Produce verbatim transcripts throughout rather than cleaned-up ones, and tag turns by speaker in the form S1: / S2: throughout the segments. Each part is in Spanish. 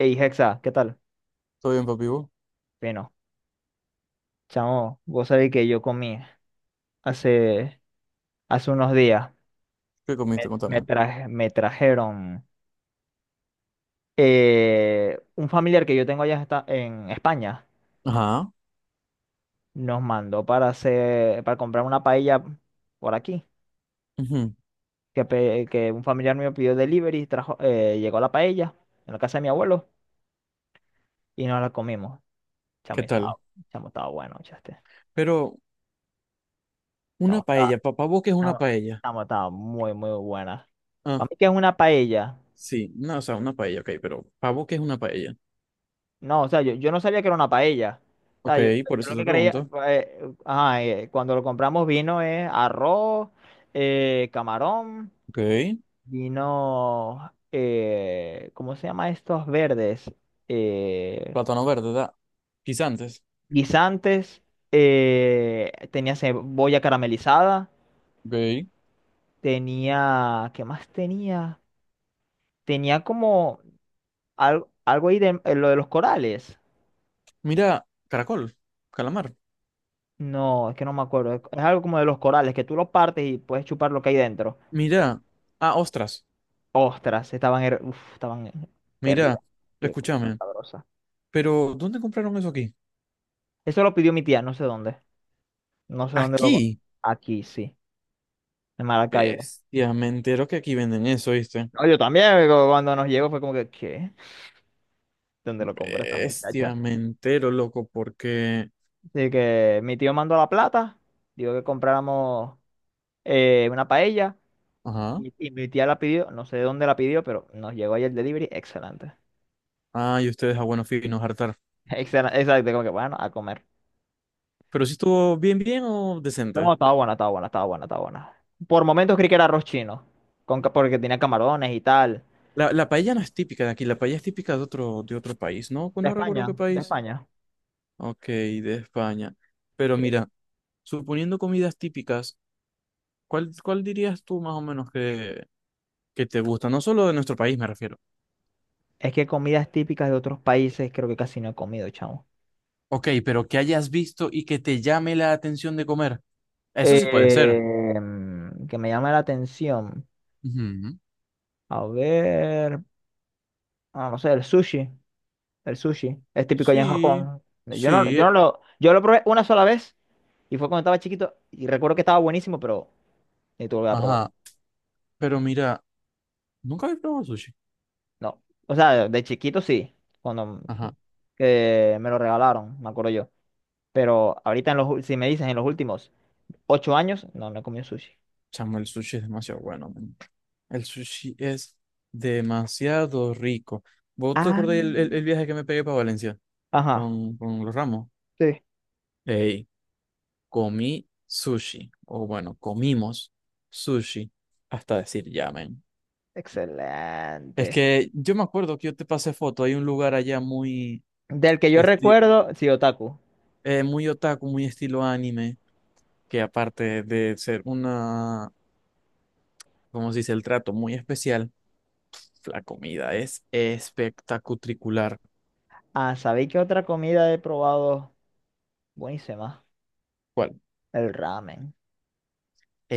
S1: Ey, Hexa, ¿qué tal?
S2: ¿Todo bien, papi? ¿Vos?
S1: Bueno, chamo, vos sabés que yo comí hace, hace unos días.
S2: ¿Qué
S1: Me,
S2: comiste?
S1: me,
S2: Contame.
S1: traje- me trajeron eh, un familiar que yo tengo allá está en España.
S2: Ajá.
S1: Nos mandó para hacer, para comprar una paella por aquí.
S2: Ujú.
S1: Que, pe- que un familiar mío pidió delivery, trajo, eh, llegó la paella en la casa de mi abuelo y nos la comimos. Chamo,
S2: ¿Qué
S1: y estaba,
S2: tal?
S1: chamo, estaba bueno, chaste.
S2: Pero una
S1: Chamo, estaba,
S2: paella, pa- ¿pa' vos qué es una
S1: chamo,
S2: paella?
S1: chamo, estaba muy, muy buena.
S2: Ah,
S1: Para mí que es una paella.
S2: sí, no, o sea, una paella, ok, pero ¿pa' vos qué es una paella?
S1: No, o sea, yo, yo no sabía que era una paella. O sea,
S2: Ok,
S1: yo, yo
S2: por eso
S1: lo que
S2: te
S1: creía,
S2: pregunto.
S1: eh, ajá, eh, cuando lo compramos vino es arroz, eh, camarón,
S2: Ok,
S1: vino, eh, ¿cómo se llama estos verdes? Eh,
S2: plátano verde, da. Guisantes.
S1: guisantes, eh, tenía cebolla caramelizada,
S2: Ok.
S1: tenía, ¿qué más tenía? Tenía como algo algo ahí de eh, lo de los corales.
S2: Mira, caracol, calamar.
S1: No, es que no me acuerdo. Es es algo como de los corales, que tú los partes y puedes chupar lo que hay dentro.
S2: Mira, ah, ostras.
S1: Ostras, estaban, her- uf, estaban hervidas.
S2: Mira,
S1: Qué cosa tan
S2: escúchame,
S1: sabrosa.
S2: pero ¿dónde compraron eso aquí?
S1: Eso lo pidió mi tía, no sé dónde. No sé dónde lo...
S2: Aquí.
S1: Aquí, sí, en Maracaibo.
S2: Bestia, me entero que aquí venden eso, ¿viste?
S1: No, yo también, cu- cuando nos llegó fue como que, ¿qué? ¿Dónde lo compró esta muchacha?
S2: Bestia, me entero, loco, porque
S1: Así que mi tío mandó la plata, dijo que compráramos eh, una paella
S2: ajá.
S1: y, y mi tía la pidió, no sé de dónde la pidió, pero nos llegó ahí el delivery, excelente.
S2: Ah, y ustedes a buenos finos, hartar.
S1: Excel- Exacto, como que bueno, a comer.
S2: Pero si estuvo bien, bien o
S1: No,
S2: decente.
S1: estaba buena, estaba buena, estaba buena, estaba buena. Por momentos creí que era arroz chino, con, ca- porque tenía camarones y tal.
S2: La, la paella no es típica de aquí, la paella es típica de otro, de otro país, ¿no?
S1: De
S2: No recuerdo
S1: España,
S2: qué
S1: de
S2: país.
S1: España.
S2: Ok, de España. Pero
S1: Sí, sí.
S2: mira, suponiendo comidas típicas, ¿cuál, cuál dirías tú más o menos que, que te gusta? No solo de nuestro país, me refiero.
S1: Es que comidas típicas de otros países creo que casi no he comido, chamo.
S2: Ok, pero que hayas visto y que te llame la atención de comer. Eso sí puede
S1: Eh,
S2: ser.
S1: mm, que me llama la atención.
S2: Ujú.
S1: A ver, ah, no sé, el sushi. El sushi es típico allá en
S2: Sí,
S1: Japón. Yo no,
S2: sí.
S1: yo
S2: eh,
S1: no lo, yo lo probé una sola vez y fue cuando estaba chiquito y recuerdo que estaba buenísimo, pero necesito volver a probarlo.
S2: Ajá. Pero mira, nunca he probado sushi.
S1: No. O sea, de chiquito sí, cuando
S2: Ajá.
S1: que me lo regalaron, me acuerdo yo. Pero ahorita, en los, ul- si me dices en los últimos ocho años, no, no he comido sushi.
S2: Chamo, el sushi es demasiado bueno, man. El sushi es demasiado rico. ¿Vos te
S1: Ah,
S2: acordás el, el- el viaje que me pegué para Valencia
S1: ajá,
S2: con, con los Ramos?
S1: sí.
S2: Ey, comí sushi. O bueno, comimos sushi. Hasta decir ya, man. Es
S1: Excelente.
S2: que yo me acuerdo que yo te pasé foto. Hay un lugar allá muy,
S1: Del que yo
S2: esti-
S1: recuerdo, sí, otaku.
S2: eh, muy otaku, muy estilo anime. Que aparte de ser una, ¿cómo se dice? El trato muy especial. La comida es espectacular.
S1: Ah, ¿sabéis qué otra comida he probado? Buenísima.
S2: ¿Cuál?
S1: El ramen.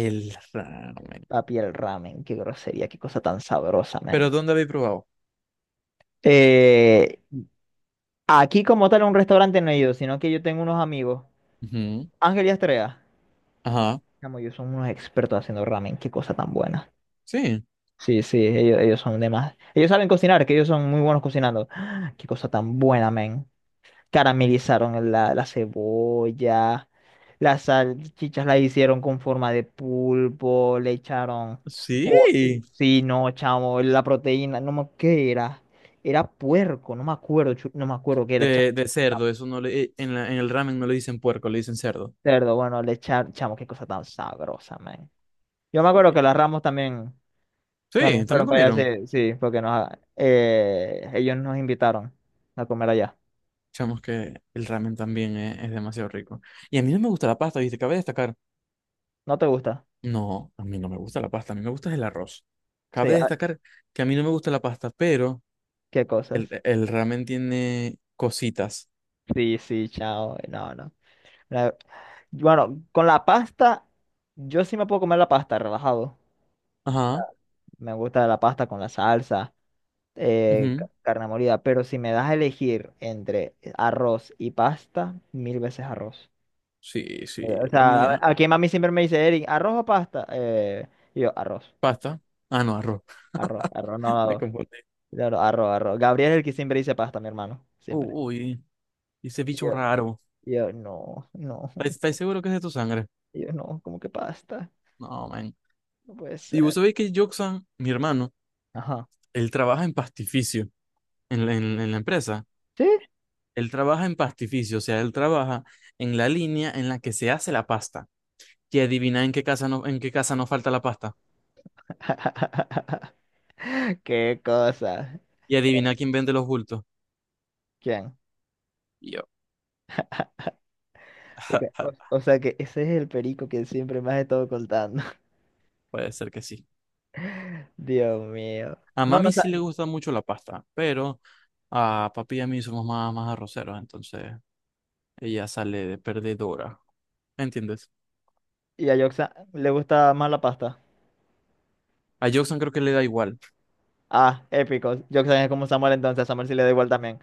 S2: El ramen.
S1: Papi, el ramen. Qué grosería, qué cosa tan sabrosa,
S2: ¿Pero
S1: man.
S2: dónde habéis probado?
S1: Eh, aquí como tal un restaurante no he ido, sino que yo tengo unos amigos.
S2: Ujú.
S1: Ángel y Estrella.
S2: Ajá.
S1: Chamo, ellos son unos expertos haciendo ramen, qué cosa tan buena.
S2: Sí.
S1: Sí, sí, ellos, ellos son de más. Ellos saben cocinar, que ellos son muy buenos cocinando. Qué cosa tan buena, men. Caramelizaron la, la cebolla, las salchichas la hicieron con forma de pulpo, le echaron... po-
S2: Sí.
S1: Sí, no, chamo, la proteína, no me... ¿Qué era? Era puerco, no me acuerdo, chu- no me acuerdo qué era, chamo.
S2: De, de cerdo, eso no le, eh, en la- en el ramen no le dicen puerco, le dicen cerdo.
S1: Cerdo, bueno, le echaron, chamo, qué cosa tan sabrosa, men. Yo me acuerdo que
S2: Sí,
S1: las Ramos también...
S2: sí,
S1: También
S2: también
S1: fueron para allá,
S2: comieron.
S1: sí, sí, porque nos, ah, eh, ellos nos invitaron a comer allá.
S2: Chamos que el ramen también es, es demasiado rico. Y a mí no me gusta la pasta, ¿viste? Cabe destacar.
S1: ¿No te gusta?
S2: No, a mí no me gusta la pasta, a mí me gusta el arroz.
S1: Sí,
S2: Cabe
S1: ah,
S2: destacar que a mí no me gusta la pasta, pero
S1: qué
S2: el,
S1: cosas.
S2: el ramen tiene cositas.
S1: Sí, sí, chao. No, no. La- bueno, con la pasta, yo sí me puedo comer la pasta, relajado.
S2: Ajá.
S1: Me gusta la pasta con la salsa, eh, ca-
S2: Ujú.
S1: carne molida, pero si me das a elegir entre arroz y pasta, mil veces arroz.
S2: Sí,
S1: Eh,
S2: sí,
S1: O
S2: a
S1: sea,
S2: mí,
S1: a-
S2: a,
S1: aquí mami siempre me dice, Eric, ¿arroz o pasta? Eh, y yo, arroz,
S2: pasta. Ah, no, arroz.
S1: arroz, arroz, no, no.
S2: Me
S1: no".
S2: confundí.
S1: Claro, arro, arro. Gabriel es el que siempre dice pasta, mi hermano. Siempre.
S2: Uy, ese
S1: Y
S2: bicho
S1: Yo,
S2: raro.
S1: y yo, no, no.
S2: ¿Estáis estáis seguro que es de tu sangre?
S1: Y yo, no, ¿cómo que pasta?
S2: No, man.
S1: No puede
S2: Y vos
S1: ser.
S2: sabéis que Joxan, mi hermano,
S1: Ajá.
S2: él trabaja en pastificio, en la, en, en la empresa.
S1: ¿Sí?
S2: Él trabaja en pastificio, o sea, él trabaja en la línea en la que se hace la pasta. Y adivina en qué casa no, en qué casa no falta la pasta.
S1: Qué cosa.
S2: Y adivina quién vende los bultos.
S1: ¿Quién?
S2: Y yo,
S1: Y que- O,
S2: ja,
S1: o sea que ese es el perico que siempre me has estado contando.
S2: puede ser que sí.
S1: Dios mío.
S2: A
S1: No, no,
S2: mami
S1: sa-
S2: sí le gusta mucho la pasta, pero a papi y a mí somos más, más arroceros, entonces. Ella sale de perdedora. ¿Entiendes?
S1: y a Yoxa le gusta más la pasta.
S2: A Jackson creo que le da igual.
S1: Ah, épico. Yoxa es como Samuel entonces. A Samuel sí le da igual también.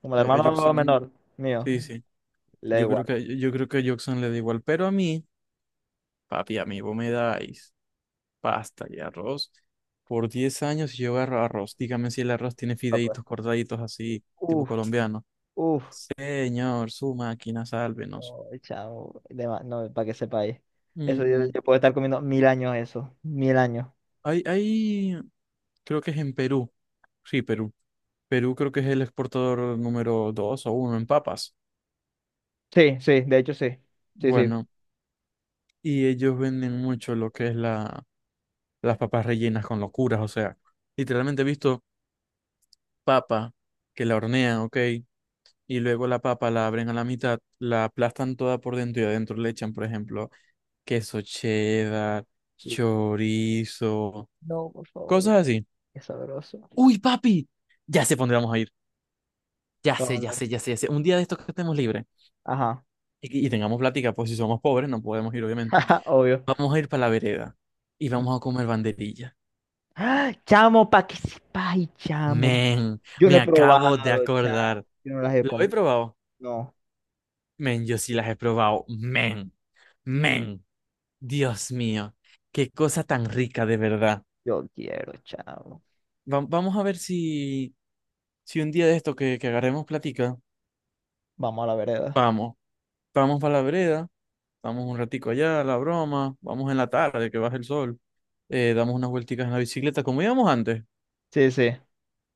S1: Como el
S2: A, a
S1: hermano
S2: Jackson,
S1: menor mío,
S2: sí, sí.
S1: le da
S2: Yo creo
S1: igual.
S2: que, yo creo que a Jackson le da igual. Pero a mí, papi, a mí vos me dais pasta y arroz por diez años y yo agarro arroz. Dígame si el arroz tiene
S1: Ah, pues.
S2: fideitos cortaditos así, tipo
S1: Uf,
S2: colombiano.
S1: uf.
S2: Señor, su máquina, sálvenos.
S1: No, chao, de ma- no, para que sepáis. Eso yo,
S2: Mm,
S1: yo puedo estar comiendo mil años eso, mil años.
S2: hay, hay, creo que es en Perú. Sí, Perú. Perú creo que es el exportador número dos o uno en papas.
S1: Sí, sí, de hecho sí, sí, sí.
S2: Bueno. Y ellos venden mucho lo que es la, las papas rellenas con locuras, o sea, literalmente he visto papa que la hornean, ¿ok? Y luego la papa la abren a la mitad, la aplastan toda por dentro y adentro le echan, por ejemplo, queso cheddar, chorizo,
S1: No, por favor,
S2: cosas así.
S1: qué sabroso.
S2: ¡Uy, papi! Ya sé por dónde vamos a ir. Ya sé, ya
S1: Ponlo.
S2: sé, ya sé, ya sé. Un día de estos que estemos libres
S1: Ajá,
S2: y, y tengamos plática, pues si somos pobres no podemos ir, obviamente.
S1: obvio.
S2: Vamos a ir para la vereda y vamos a comer banderilla.
S1: ¡Ah! Chamo, para que sepáis, chamo.
S2: Men,
S1: Yo no
S2: me
S1: he
S2: acabo de
S1: probado, chamo.
S2: acordar.
S1: Yo no las he
S2: ¿Lo he
S1: comido.
S2: probado?
S1: No,
S2: Men, yo sí las he probado. Men, men, Dios mío, qué cosa tan rica de verdad.
S1: yo quiero, chamo.
S2: Va- vamos a ver si, si un día de esto que, que agarremos platica,
S1: Vamos a la vereda.
S2: vamos, vamos para la vereda, vamos un ratico allá, la broma, vamos en la tarde que baja el sol, eh, damos unas vuelticas en la bicicleta, como íbamos antes,
S1: Sí, sí.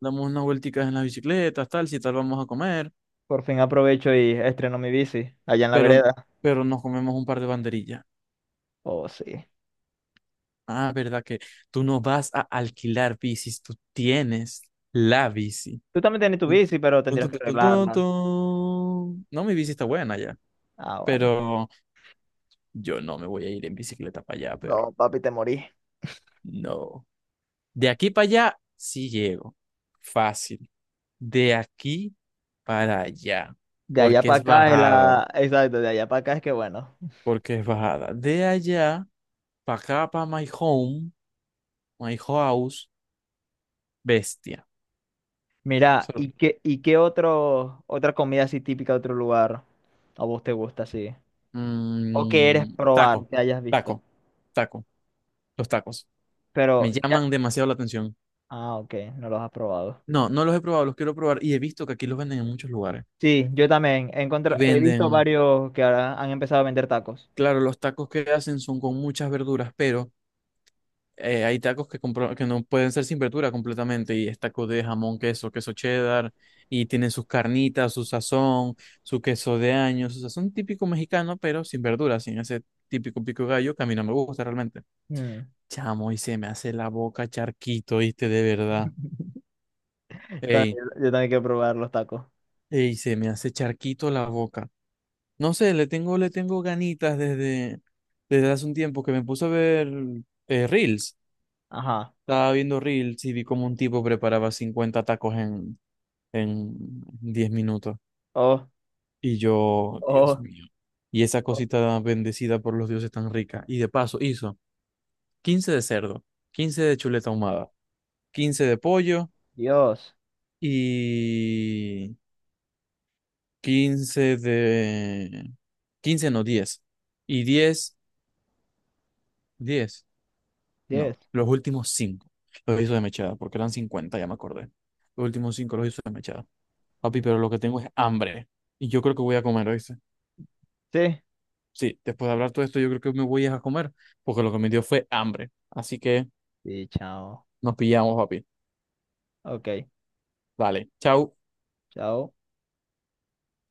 S2: damos unas vuelticas en las bicicletas, tal, si tal vamos a comer,
S1: Por fin aprovecho y estreno mi bici allá en la
S2: pero,
S1: vereda.
S2: pero nos comemos un par de banderillas.
S1: Oh, sí.
S2: Ah, verdad que tú no vas a alquilar bicis, tú tienes la bici.
S1: Tú también tienes tu bici, pero
S2: Tun, tun,
S1: tendrías que
S2: tun, tun, tun,
S1: arreglarla.
S2: tun. No, mi bici está buena ya,
S1: Ah, bueno.
S2: pero yo no me voy a ir en bicicleta para allá,
S1: No,
S2: pero
S1: papi, te morí.
S2: no. De aquí para allá sí llego, fácil. De aquí para allá,
S1: De allá
S2: porque
S1: para
S2: es
S1: acá es
S2: bajada,
S1: la... Exacto, de allá para acá es que bueno.
S2: porque es bajada. De allá para acá, para my home, my house, bestia.
S1: Mira, ¿y qué, y qué otro, otra comida así típica de otro lugar a vos te gusta así? ¿O que eres
S2: Mm,
S1: probar
S2: taco,
S1: que hayas visto?
S2: taco, taco, los tacos.
S1: Pero
S2: Me
S1: ya...
S2: llaman demasiado la atención.
S1: Ah, ok, no los has probado.
S2: No, no los he probado, los quiero probar y he visto que aquí los venden en muchos lugares.
S1: Sí, yo también he,
S2: Y
S1: encontrado, he visto
S2: venden,
S1: varios que ahora han empezado a vender tacos.
S2: claro, los tacos que hacen son con muchas verduras, pero eh, hay tacos que, compro- que no pueden ser sin verdura completamente y es taco de jamón, queso, queso cheddar y tienen sus carnitas, su sazón, su queso de año, su sazón típico mexicano, pero sin verduras, sin ese típico pico de gallo que a mí no me gusta realmente.
S1: Mm,
S2: Chamo, y se me hace la boca charquito, ¿viste? De verdad. Ey,
S1: también- yo también quiero probar los tacos.
S2: ey, se me hace charquito la boca. No sé, le tengo, le tengo ganitas desde, desde hace un tiempo que me puse a ver eh, Reels.
S1: Ajá.
S2: Estaba viendo Reels y vi como un tipo preparaba cincuenta tacos en, en diez minutos.
S1: Oh,
S2: Y yo, Dios
S1: oh,
S2: mío. Y esa
S1: oh,
S2: cosita bendecida por los dioses tan rica. Y de paso hizo quince de cerdo, quince de chuleta ahumada, quince de pollo
S1: Dios.
S2: y... quince de... quince no, diez. Y diez, diez
S1: Yes.
S2: no, los últimos cinco los hizo de mechada, porque eran cincuenta ya me acordé. Los últimos cinco los hizo de mechada. Papi,
S1: Mm,
S2: pero lo que tengo es hambre. Y yo creo que voy a comer, ¿oíste?
S1: sí.
S2: Sí, después de hablar todo esto, yo creo que me voy a comer, porque lo que me dio fue hambre. Así que
S1: Sí, chao.
S2: nos pillamos, papi.
S1: Ok,
S2: Dale, chau.
S1: chao.